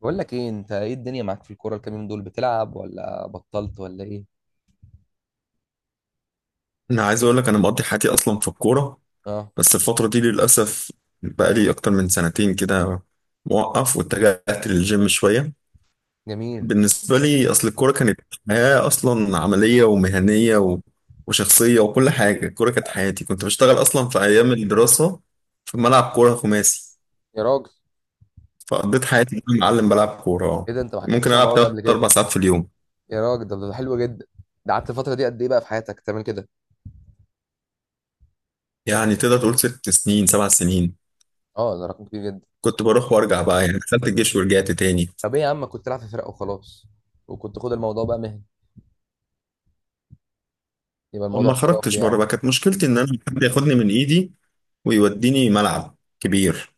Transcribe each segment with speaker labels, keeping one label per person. Speaker 1: بقول لك ايه، انت ايه الدنيا معاك في الكوره؟ الكام يوم دول بتلعب ولا بطلت ولا ايه؟
Speaker 2: انا عايز اقول لك، انا مقضي حياتي اصلا في الكوره.
Speaker 1: اه.
Speaker 2: بس الفتره دي للاسف، بقى لي اكتر من سنتين كده موقف واتجهت للجيم شويه.
Speaker 1: جميل.
Speaker 2: بالنسبه لي اصل الكوره كانت حياه اصلا عمليه ومهنيه وشخصيه وكل حاجه. الكوره كانت حياتي، كنت بشتغل اصلا في ايام الدراسه في
Speaker 1: مم.
Speaker 2: ملعب كوره خماسي.
Speaker 1: يا راجل،
Speaker 2: فقضيت حياتي كده معلم بلعب كوره.
Speaker 1: ايه ده؟ انت ما
Speaker 2: ممكن
Speaker 1: حكيتليش على
Speaker 2: العب
Speaker 1: الموضوع ده
Speaker 2: ثلاث
Speaker 1: قبل كده.
Speaker 2: اربع ساعات في اليوم،
Speaker 1: يا راجل، ده حلو جدا. ده قعدت الفتره دي قد ايه بقى في حياتك تعمل كده؟
Speaker 2: يعني تقدر تقول 6 سنين 7 سنين.
Speaker 1: اه، ده رقم كبير جدا.
Speaker 2: كنت بروح وارجع بقى، يعني دخلت الجيش ورجعت تاني.
Speaker 1: طب ايه يا عم، كنت تلعب في فرق وخلاص، وكنت خد الموضوع بقى مهني، يبقى
Speaker 2: طب
Speaker 1: الموضوع
Speaker 2: ما
Speaker 1: احترافي
Speaker 2: خرجتش بره
Speaker 1: يعني.
Speaker 2: بقى، كانت مشكلتي ان انا حد ياخدني من ايدي ويوديني ملعب كبير.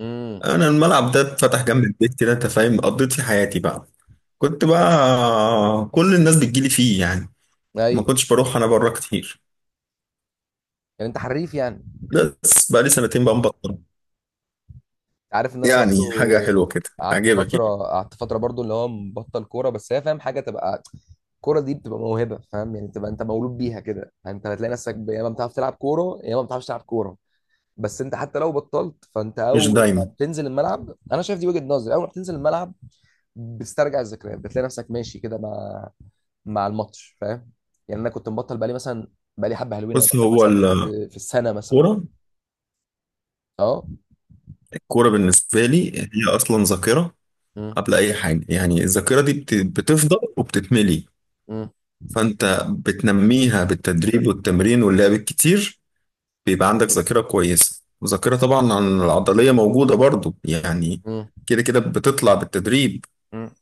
Speaker 1: امم.
Speaker 2: انا الملعب ده اتفتح جنب البيت كده، انت فاهم؟ قضيت فيه حياتي بقى، كنت بقى كل الناس بتجيلي فيه يعني، ما
Speaker 1: ايوه.
Speaker 2: كنتش بروح انا بره كتير.
Speaker 1: يعني انت حريف يعني.
Speaker 2: بس بقى لي سنتين بقى مبطل.
Speaker 1: عارف ان انا
Speaker 2: يعني حاجه حلوه
Speaker 1: برضو
Speaker 2: كده
Speaker 1: قعدت
Speaker 2: عجبك
Speaker 1: فتره
Speaker 2: يعني؟
Speaker 1: قعدت فتره برضو اللي هو مبطل كوره، بس هي فاهم، حاجه تبقى، الكوره دي بتبقى موهبه، فاهم؟ يعني تبقى انت مولود بيها كده، يعني انت هتلاقي نفسك يا اما بتعرف تلعب كوره، يا اما ما بتعرفش تلعب كوره. بس انت حتى لو بطلت، فانت
Speaker 2: مش
Speaker 1: اول
Speaker 2: دايما.
Speaker 1: ما بتنزل الملعب، انا شايف دي وجهه نظري، اول ما بتنزل الملعب بتسترجع الذكريات، بتلاقي نفسك ماشي كده مع الماتش، فاهم؟ يعني انا كنت مبطل بقالي مثلا، بقالي حبه حلوين انا
Speaker 2: بص،
Speaker 1: داخل
Speaker 2: هو
Speaker 1: مثلا
Speaker 2: الكوره
Speaker 1: في السنه مثلا. اه.
Speaker 2: الكوره بالنسبه لي هي اصلا ذاكره
Speaker 1: امم.
Speaker 2: قبل اي حاجه. يعني الذاكره دي بتفضل وبتتملي، فانت بتنميها بالتدريب والتمرين واللعب الكتير. بيبقى عندك ذاكرة كويسة، وذاكرة طبعا عن العضلية موجودة برضو يعني. كده كده بتطلع بالتدريب،
Speaker 1: امم.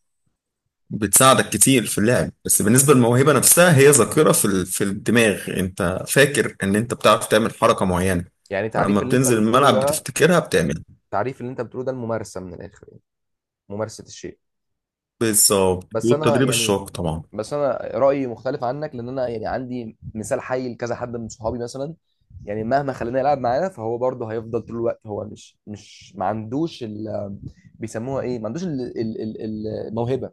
Speaker 2: بتساعدك كتير في اللعب. بس بالنسبة للموهبة نفسها، هي ذاكرة في في الدماغ. انت فاكر ان انت بتعرف تعمل حركة معينة،
Speaker 1: يعني
Speaker 2: فلما
Speaker 1: تعريف اللي انت
Speaker 2: بتنزل
Speaker 1: بتقوله
Speaker 2: الملعب
Speaker 1: ده،
Speaker 2: بتفتكرها، بتعمل
Speaker 1: تعريف اللي انت بتقوله ده الممارسه من الاخر يعني، ممارسه الشيء.
Speaker 2: بالظبط.
Speaker 1: بس انا
Speaker 2: والتدريب
Speaker 1: يعني،
Speaker 2: الشاق طبعا
Speaker 1: بس انا رايي مختلف عنك، لان انا يعني عندي مثال حي لكذا حد من صحابي مثلا. يعني مهما خلينا يلعب معاه، فهو برضه هيفضل طول الوقت هو مش ما عندوش ال، بيسموها ايه؟ ما عندوش الموهبه،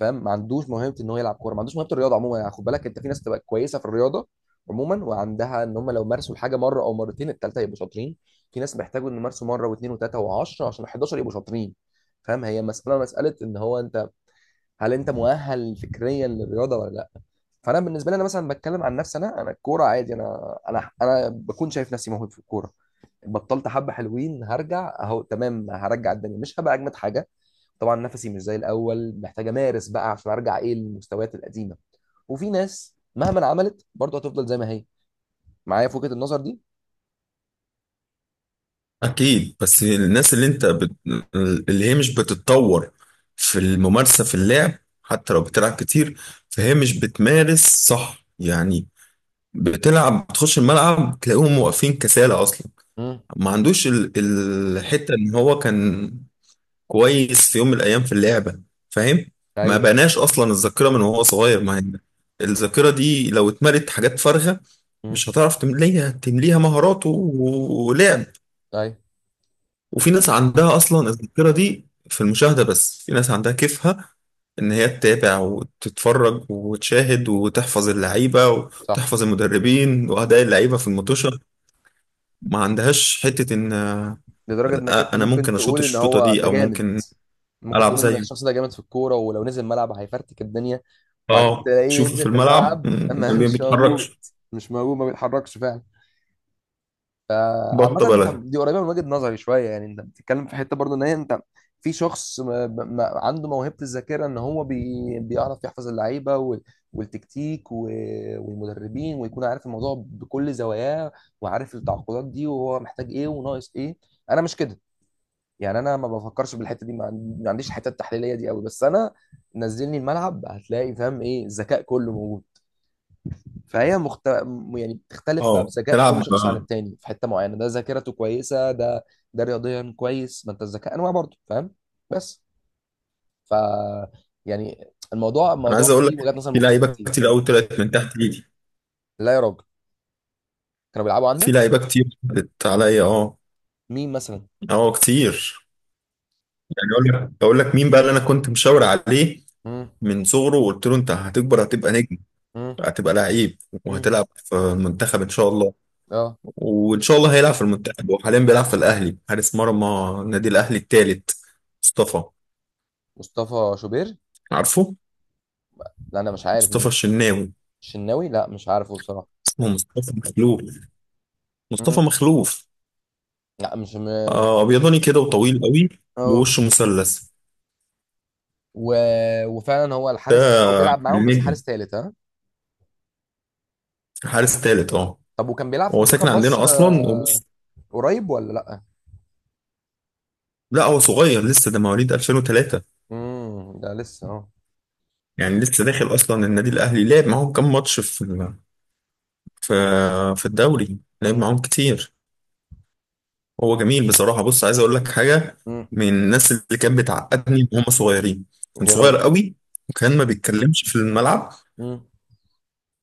Speaker 1: فاهم؟ ما عندوش موهبه ان هو يلعب كوره، ما عندوش موهبه الرياضه عموما يعني. خد بالك، انت في ناس تبقى كويسه في الرياضه عموما، وعندها ان هم لو مارسوا الحاجه مره او مرتين التالته يبقوا شاطرين. في ناس بيحتاجوا ان يمارسوا مره واثنين وثلاثه و10 عشان 11 يبقوا شاطرين، فاهم؟ هي مساله ان هو انت، هل انت مؤهل فكريا للرياضه ولا لا؟ فانا بالنسبه لي، انا مثلا بتكلم عن نفسي، انا الكوره عادي، انا بكون شايف نفسي موهوب في الكوره. بطلت حبه حلوين، هرجع اهو تمام، هرجع الدنيا مش هبقى اجمد حاجه. طبعا نفسي مش زي الاول، محتاج امارس بقى عشان ارجع ايه للمستويات القديمه. وفي ناس مهما عملت برضه هتفضل زي ما هي. معايا في وجهه النظر دي؟
Speaker 2: أكيد. بس الناس اللي أنت اللي هي مش بتتطور في الممارسة، في اللعب حتى لو بتلعب كتير فهي مش بتمارس صح يعني. بتلعب، بتخش الملعب تلاقيهم واقفين كسالة أصلا.
Speaker 1: امم.
Speaker 2: ما عندوش الحتة إن هو كان كويس في يوم من الأيام في اللعبة. فاهم؟ ما
Speaker 1: ايوه.
Speaker 2: بناش أصلا الذاكرة من وهو صغير. ما هي الذاكرة دي لو اتملت حاجات فارغة
Speaker 1: امم.
Speaker 2: مش هتعرف تمليها مهاراته ولعب.
Speaker 1: ايوه.
Speaker 2: وفي ناس عندها اصلا الذاكره دي في المشاهده، بس في ناس عندها كيفها ان هي تتابع وتتفرج وتشاهد وتحفظ اللعيبه
Speaker 1: صح.
Speaker 2: وتحفظ المدربين واداء اللعيبه في المطوشه. ما عندهاش حته ان.
Speaker 1: لدرجه انك انت
Speaker 2: انا
Speaker 1: ممكن
Speaker 2: ممكن اشوط
Speaker 1: تقول ان
Speaker 2: الشوطه
Speaker 1: هو
Speaker 2: دي
Speaker 1: ده
Speaker 2: او
Speaker 1: جامد.
Speaker 2: ممكن
Speaker 1: ممكن
Speaker 2: العب
Speaker 1: تقول ان
Speaker 2: زيه.
Speaker 1: الشخص ده جامد في الكوره، ولو نزل الملعب هيفرتك الدنيا، وبعدين
Speaker 2: اه،
Speaker 1: تلاقيه
Speaker 2: شوفه في
Speaker 1: ينزل في
Speaker 2: الملعب
Speaker 1: الملعب اما
Speaker 2: ما
Speaker 1: مش موجود.
Speaker 2: بيتحركش.
Speaker 1: مش موجود، ما بيتحركش فعلا.
Speaker 2: بطه
Speaker 1: فعامة انت
Speaker 2: بلد.
Speaker 1: دي قريبة من وجهة نظري شوية، يعني انت بتتكلم في حتة برضو ان هي انت، في شخص ما ما عنده موهبة الذاكرة ان هو بيعرف يحفظ اللعيبة والتكتيك والمدربين، ويكون عارف الموضوع بكل زواياه، وعارف التعاقدات دي وهو محتاج ايه وناقص ايه. انا مش كده، يعني انا ما بفكرش بالحته دي، ما عنديش الحته التحليليه دي قوي. بس انا نزلني الملعب هتلاقي، فاهم؟ ايه، الذكاء كله موجود. فهي يعني بتختلف بقى
Speaker 2: اه
Speaker 1: بذكاء كل
Speaker 2: تلعب
Speaker 1: شخص عن
Speaker 2: آه،
Speaker 1: التاني، في حته معينه ده ذاكرته كويسه، ده ده رياضيا كويس. ما انت الذكاء انواع برضه، فاهم؟ بس، ف يعني
Speaker 2: انا
Speaker 1: الموضوع
Speaker 2: عايز اقول
Speaker 1: فيه
Speaker 2: لك
Speaker 1: وجهات نظر
Speaker 2: في
Speaker 1: مختلفه
Speaker 2: لعيبه
Speaker 1: كتير.
Speaker 2: كتير قوي طلعت من تحت ايدي.
Speaker 1: لا يا راجل، كانوا بيلعبوا
Speaker 2: في
Speaker 1: عندك؟
Speaker 2: لعيبه كتير عدت عليا، اه.
Speaker 1: مين مثلا؟
Speaker 2: اه، كتير. يعني اقول لك مين بقى اللي انا كنت مشاور عليه
Speaker 1: امم.
Speaker 2: من صغره، وقلت له انت هتكبر هتبقى نجم،
Speaker 1: امم.
Speaker 2: هتبقى لعيب،
Speaker 1: امم.
Speaker 2: وهتلعب في المنتخب ان شاء الله.
Speaker 1: اه.
Speaker 2: وان شاء الله هيلعب في المنتخب، وحاليا بيلعب في الاهلي، حارس مرمى النادي الاهلي الثالث. مصطفى.
Speaker 1: مصطفى شوبير؟
Speaker 2: عارفه؟
Speaker 1: لا انا مش عارف
Speaker 2: مصطفى
Speaker 1: مين.
Speaker 2: الشناوي.
Speaker 1: الشناوي؟ لا مش عارفه بصراحه.
Speaker 2: اسمه مصطفى مخلوف. مصطفى مخلوف.
Speaker 1: لا مش
Speaker 2: ابيضاني كده وطويل قوي،
Speaker 1: اه.
Speaker 2: ووشه مثلث.
Speaker 1: و... وفعلا هو الحارس يعني، هو
Speaker 2: ده
Speaker 1: بيلعب معاهم بس
Speaker 2: النجم.
Speaker 1: حارس ثالث، ها.
Speaker 2: حارس ثالث، اه.
Speaker 1: طب وكان بيلعب في
Speaker 2: هو
Speaker 1: منتخب
Speaker 2: ساكن
Speaker 1: مصر
Speaker 2: عندنا اصلا،
Speaker 1: آه،
Speaker 2: وبص،
Speaker 1: قريب ولا لا؟
Speaker 2: لا هو صغير لسه، ده مواليد 2003.
Speaker 1: امم، ده لسه اه.
Speaker 2: يعني لسه داخل اصلا النادي الاهلي، لعب معاهم كام ماتش في في في الدوري، لعب معاهم
Speaker 1: امم.
Speaker 2: كتير. هو جميل بصراحه، بص عايز اقول لك حاجه،
Speaker 1: امم.
Speaker 2: من الناس اللي كانت بتعقدني وهم صغيرين. كان
Speaker 1: يا
Speaker 2: صغير
Speaker 1: راجل.
Speaker 2: قوي، وكان ما بيتكلمش في الملعب.
Speaker 1: امم.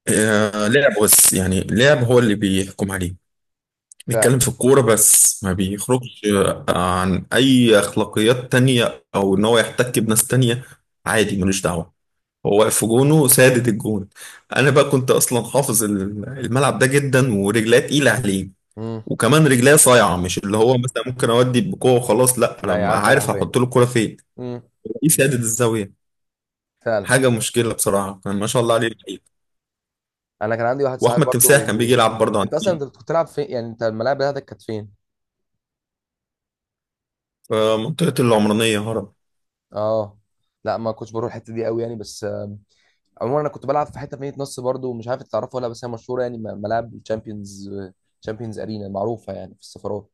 Speaker 2: لعب، بس يعني لعب هو اللي بيحكم عليه.
Speaker 1: فعلا.
Speaker 2: بيتكلم في الكوره بس ما بيخرجش، عن اي اخلاقيات تانية او ان هو يحتك بناس تانية. عادي، ملوش دعوه. هو واقف في جونه سادد الجون. انا بقى كنت اصلا حافظ الملعب ده جدا، ورجليه تقيله عليه،
Speaker 1: امم.
Speaker 2: وكمان رجليه صايعه. مش اللي هو مثلا ممكن اودي بقوه وخلاص، لا انا
Speaker 1: لا، يا
Speaker 2: ببقى
Speaker 1: عارف هي رايحه
Speaker 2: عارف
Speaker 1: فين.
Speaker 2: هحط له الكوره فين.
Speaker 1: امم.
Speaker 2: ايه، سادد الزاويه.
Speaker 1: فعلا.
Speaker 2: حاجه مشكله بصراحه، كان ما شاء الله عليه لعيب.
Speaker 1: انا كان عندي واحد صاحبي
Speaker 2: واحمد تمساح كان بيجي
Speaker 1: برضو.
Speaker 2: يلعب برضه
Speaker 1: انت اصلا،
Speaker 2: عندنا.
Speaker 1: انت كنت بتلعب فين يعني؟ انت الملاعب بتاعتك كانت فين؟
Speaker 2: في منطقه العمرانيه هرب.
Speaker 1: اه. لا ما كنتش بروح الحته دي قوي يعني، بس. عموما انا كنت بلعب في حته في مدينه نصر برضو، مش عارف إنت تعرفها ولا، بس هي مشهوره يعني، ملاعب الشامبيونز، شامبيونز ارينا معروفه يعني، في السفارات.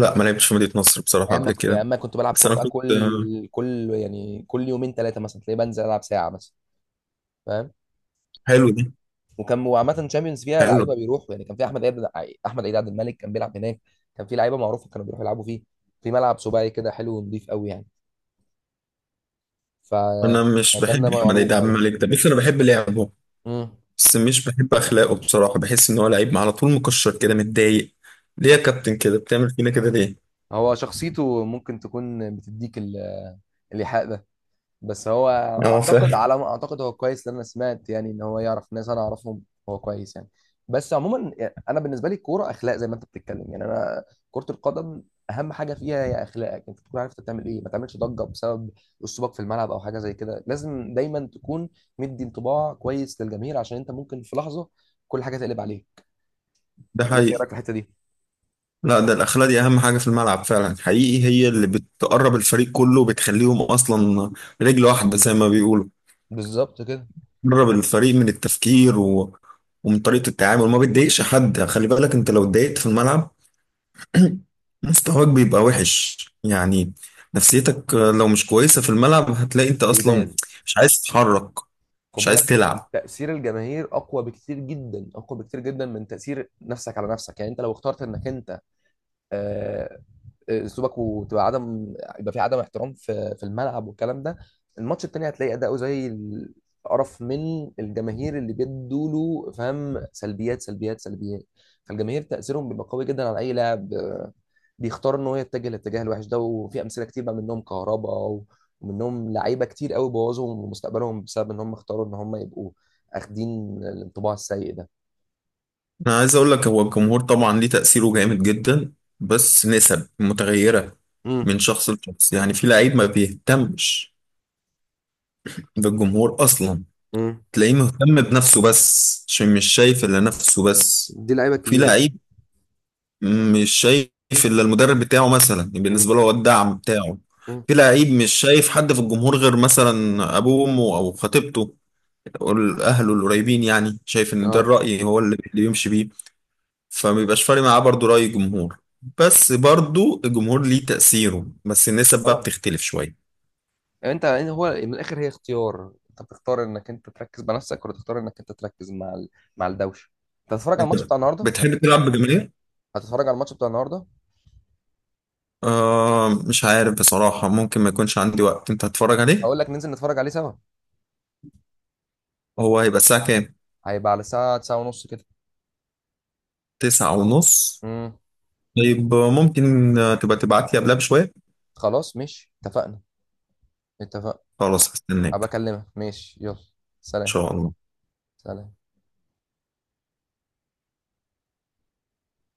Speaker 2: لا، ما لعبتش في مدينه نصر بصراحه
Speaker 1: ايام
Speaker 2: قبل
Speaker 1: ما
Speaker 2: كده.
Speaker 1: ايام ما كنت بلعب
Speaker 2: بس
Speaker 1: كوره
Speaker 2: انا
Speaker 1: بقى،
Speaker 2: كنت آه،
Speaker 1: كل يعني كل يومين ثلاثه مثلا تلاقي بنزل العب ساعه مثلا، فاهم؟
Speaker 2: حلو دي.
Speaker 1: وعامه شامبيونز فيها
Speaker 2: حلو.
Speaker 1: لعيبه بيروحوا يعني، كان في احمد عيد، احمد عيد عبد الملك كان بيلعب هناك. كان في لعيبه معروفه كانوا بيروحوا يلعبوا فيه، في ملعب سباعي كده حلو ونضيف قوي يعني،
Speaker 2: انا مش
Speaker 1: فمكان
Speaker 2: بحب
Speaker 1: ده
Speaker 2: محمد عيد
Speaker 1: معروف
Speaker 2: عبد
Speaker 1: قوي.
Speaker 2: الملك ده، بس انا بحب لعبه.
Speaker 1: امم.
Speaker 2: بس مش بحب اخلاقه بصراحه، بحس ان هو لعيب على طول مكشر كده متضايق. ليه يا كابتن كده بتعمل فينا كده ليه؟
Speaker 1: هو شخصيته ممكن تكون بتديك الإيحاء ده، بس هو،
Speaker 2: اه
Speaker 1: اعتقد
Speaker 2: فعلا.
Speaker 1: على ما اعتقد هو كويس، لان انا سمعت يعني ان هو يعرف ناس انا اعرفهم، هو كويس يعني. بس عموما، يعني انا بالنسبه لي، الكوره اخلاق زي ما انت بتتكلم، يعني انا كره القدم اهم حاجه فيها هي اخلاقك، انت تكون عارف انت بتعمل ايه، ما تعملش ضجه بسبب اسلوبك في الملعب او حاجه زي كده، لازم دايما تكون مدي انطباع كويس للجماهير، عشان انت ممكن في لحظه كل حاجه تقلب عليك.
Speaker 2: ده
Speaker 1: ولا انت ايه
Speaker 2: حقيقي.
Speaker 1: رايك في الحته دي؟
Speaker 2: لا، ده الاخلاق دي اهم حاجه في الملعب فعلا، حقيقي. هي اللي بتقرب الفريق كله، وبتخليهم اصلا رجل واحده زي ما بيقولوا.
Speaker 1: بالظبط كده.
Speaker 2: بتقرب الفريق من التفكير ومن طريقه التعامل. ما بتضايقش حد، خلي بالك، انت لو اتضايقت في الملعب مستواك بيبقى وحش يعني. نفسيتك لو مش كويسة في الملعب هتلاقي انت اصلا
Speaker 1: بيبان.
Speaker 2: مش عايز تتحرك،
Speaker 1: خد
Speaker 2: مش عايز
Speaker 1: بالك،
Speaker 2: تلعب.
Speaker 1: تأثير الجماهير أقوى بكتير جدا، أقوى بكتير جدا من تأثير نفسك على نفسك، يعني أنت لو اخترت إنك أنت آه، اسلوبك وتبقى عدم، يبقى في عدم احترام في الملعب والكلام ده، الماتش التاني هتلاقي اداؤه زي القرف، من الجماهير اللي بيدوا له، فهم سلبيات سلبيات سلبيات. فالجماهير تاثيرهم بيبقى قوي جدا على اي لاعب، بيختار ان هو يتجه للاتجاه الوحش ده، وفي امثله كتير بقى، منهم كهربا ومنهم لعيبه كتير قوي بوظوا مستقبلهم بسبب ان هم اختاروا ان هم يبقوا اخدين الانطباع السيء ده.
Speaker 2: انا عايز اقول لك، هو الجمهور طبعا ليه تأثيره جامد جدا بس نسب متغيرة
Speaker 1: امم.
Speaker 2: من شخص لشخص. يعني في لعيب ما بيهتمش بالجمهور اصلا،
Speaker 1: امم.
Speaker 2: تلاقيه مهتم بنفسه بس عشان مش شايف الا نفسه بس.
Speaker 1: دي لعيبه
Speaker 2: في
Speaker 1: كبيره.
Speaker 2: لعيب مش شايف الا المدرب بتاعه مثلا، يعني
Speaker 1: امم.
Speaker 2: بالنسبه له هو الدعم بتاعه.
Speaker 1: امم.
Speaker 2: في لعيب مش شايف حد في الجمهور غير مثلا ابوه وامه او خطيبته او اهله القريبين. يعني شايف ان ده
Speaker 1: اه.
Speaker 2: الراي هو اللي يمشي بيه، فما بيبقاش فارق معاه برضو راي الجمهور. بس برضو الجمهور ليه تاثيره، بس النسب بقى
Speaker 1: طبعا.
Speaker 2: بتختلف شويه.
Speaker 1: انت إيه؟ هو من الاخر هي اختيار، انت بتختار انك انت تركز بنفسك، ولا تختار انك انت تركز مع مع الدوشه. انت هتتفرج على الماتش
Speaker 2: انت
Speaker 1: بتاع النهارده؟
Speaker 2: بتحب تلعب بجماهير؟
Speaker 1: هتتفرج على الماتش بتاع النهارده؟
Speaker 2: آه، مش عارف بصراحه، ممكن ما يكونش عندي وقت. انت هتتفرج عليه؟
Speaker 1: اقول لك ننزل نتفرج عليه سوا.
Speaker 2: هو هيبقى الساعه كام؟
Speaker 1: هيبقى على الساعه 9 ونص كده.
Speaker 2: 9 ونص.
Speaker 1: امم.
Speaker 2: طيب، ممكن تبقى تبعت لي قبلها بشوية.
Speaker 1: خلاص ماشي، اتفقنا. اتفقنا.
Speaker 2: خلاص، هستناك
Speaker 1: ابقى
Speaker 2: إن
Speaker 1: اكلمك، ماشي يلا. سلام.
Speaker 2: شاء الله.
Speaker 1: سلام.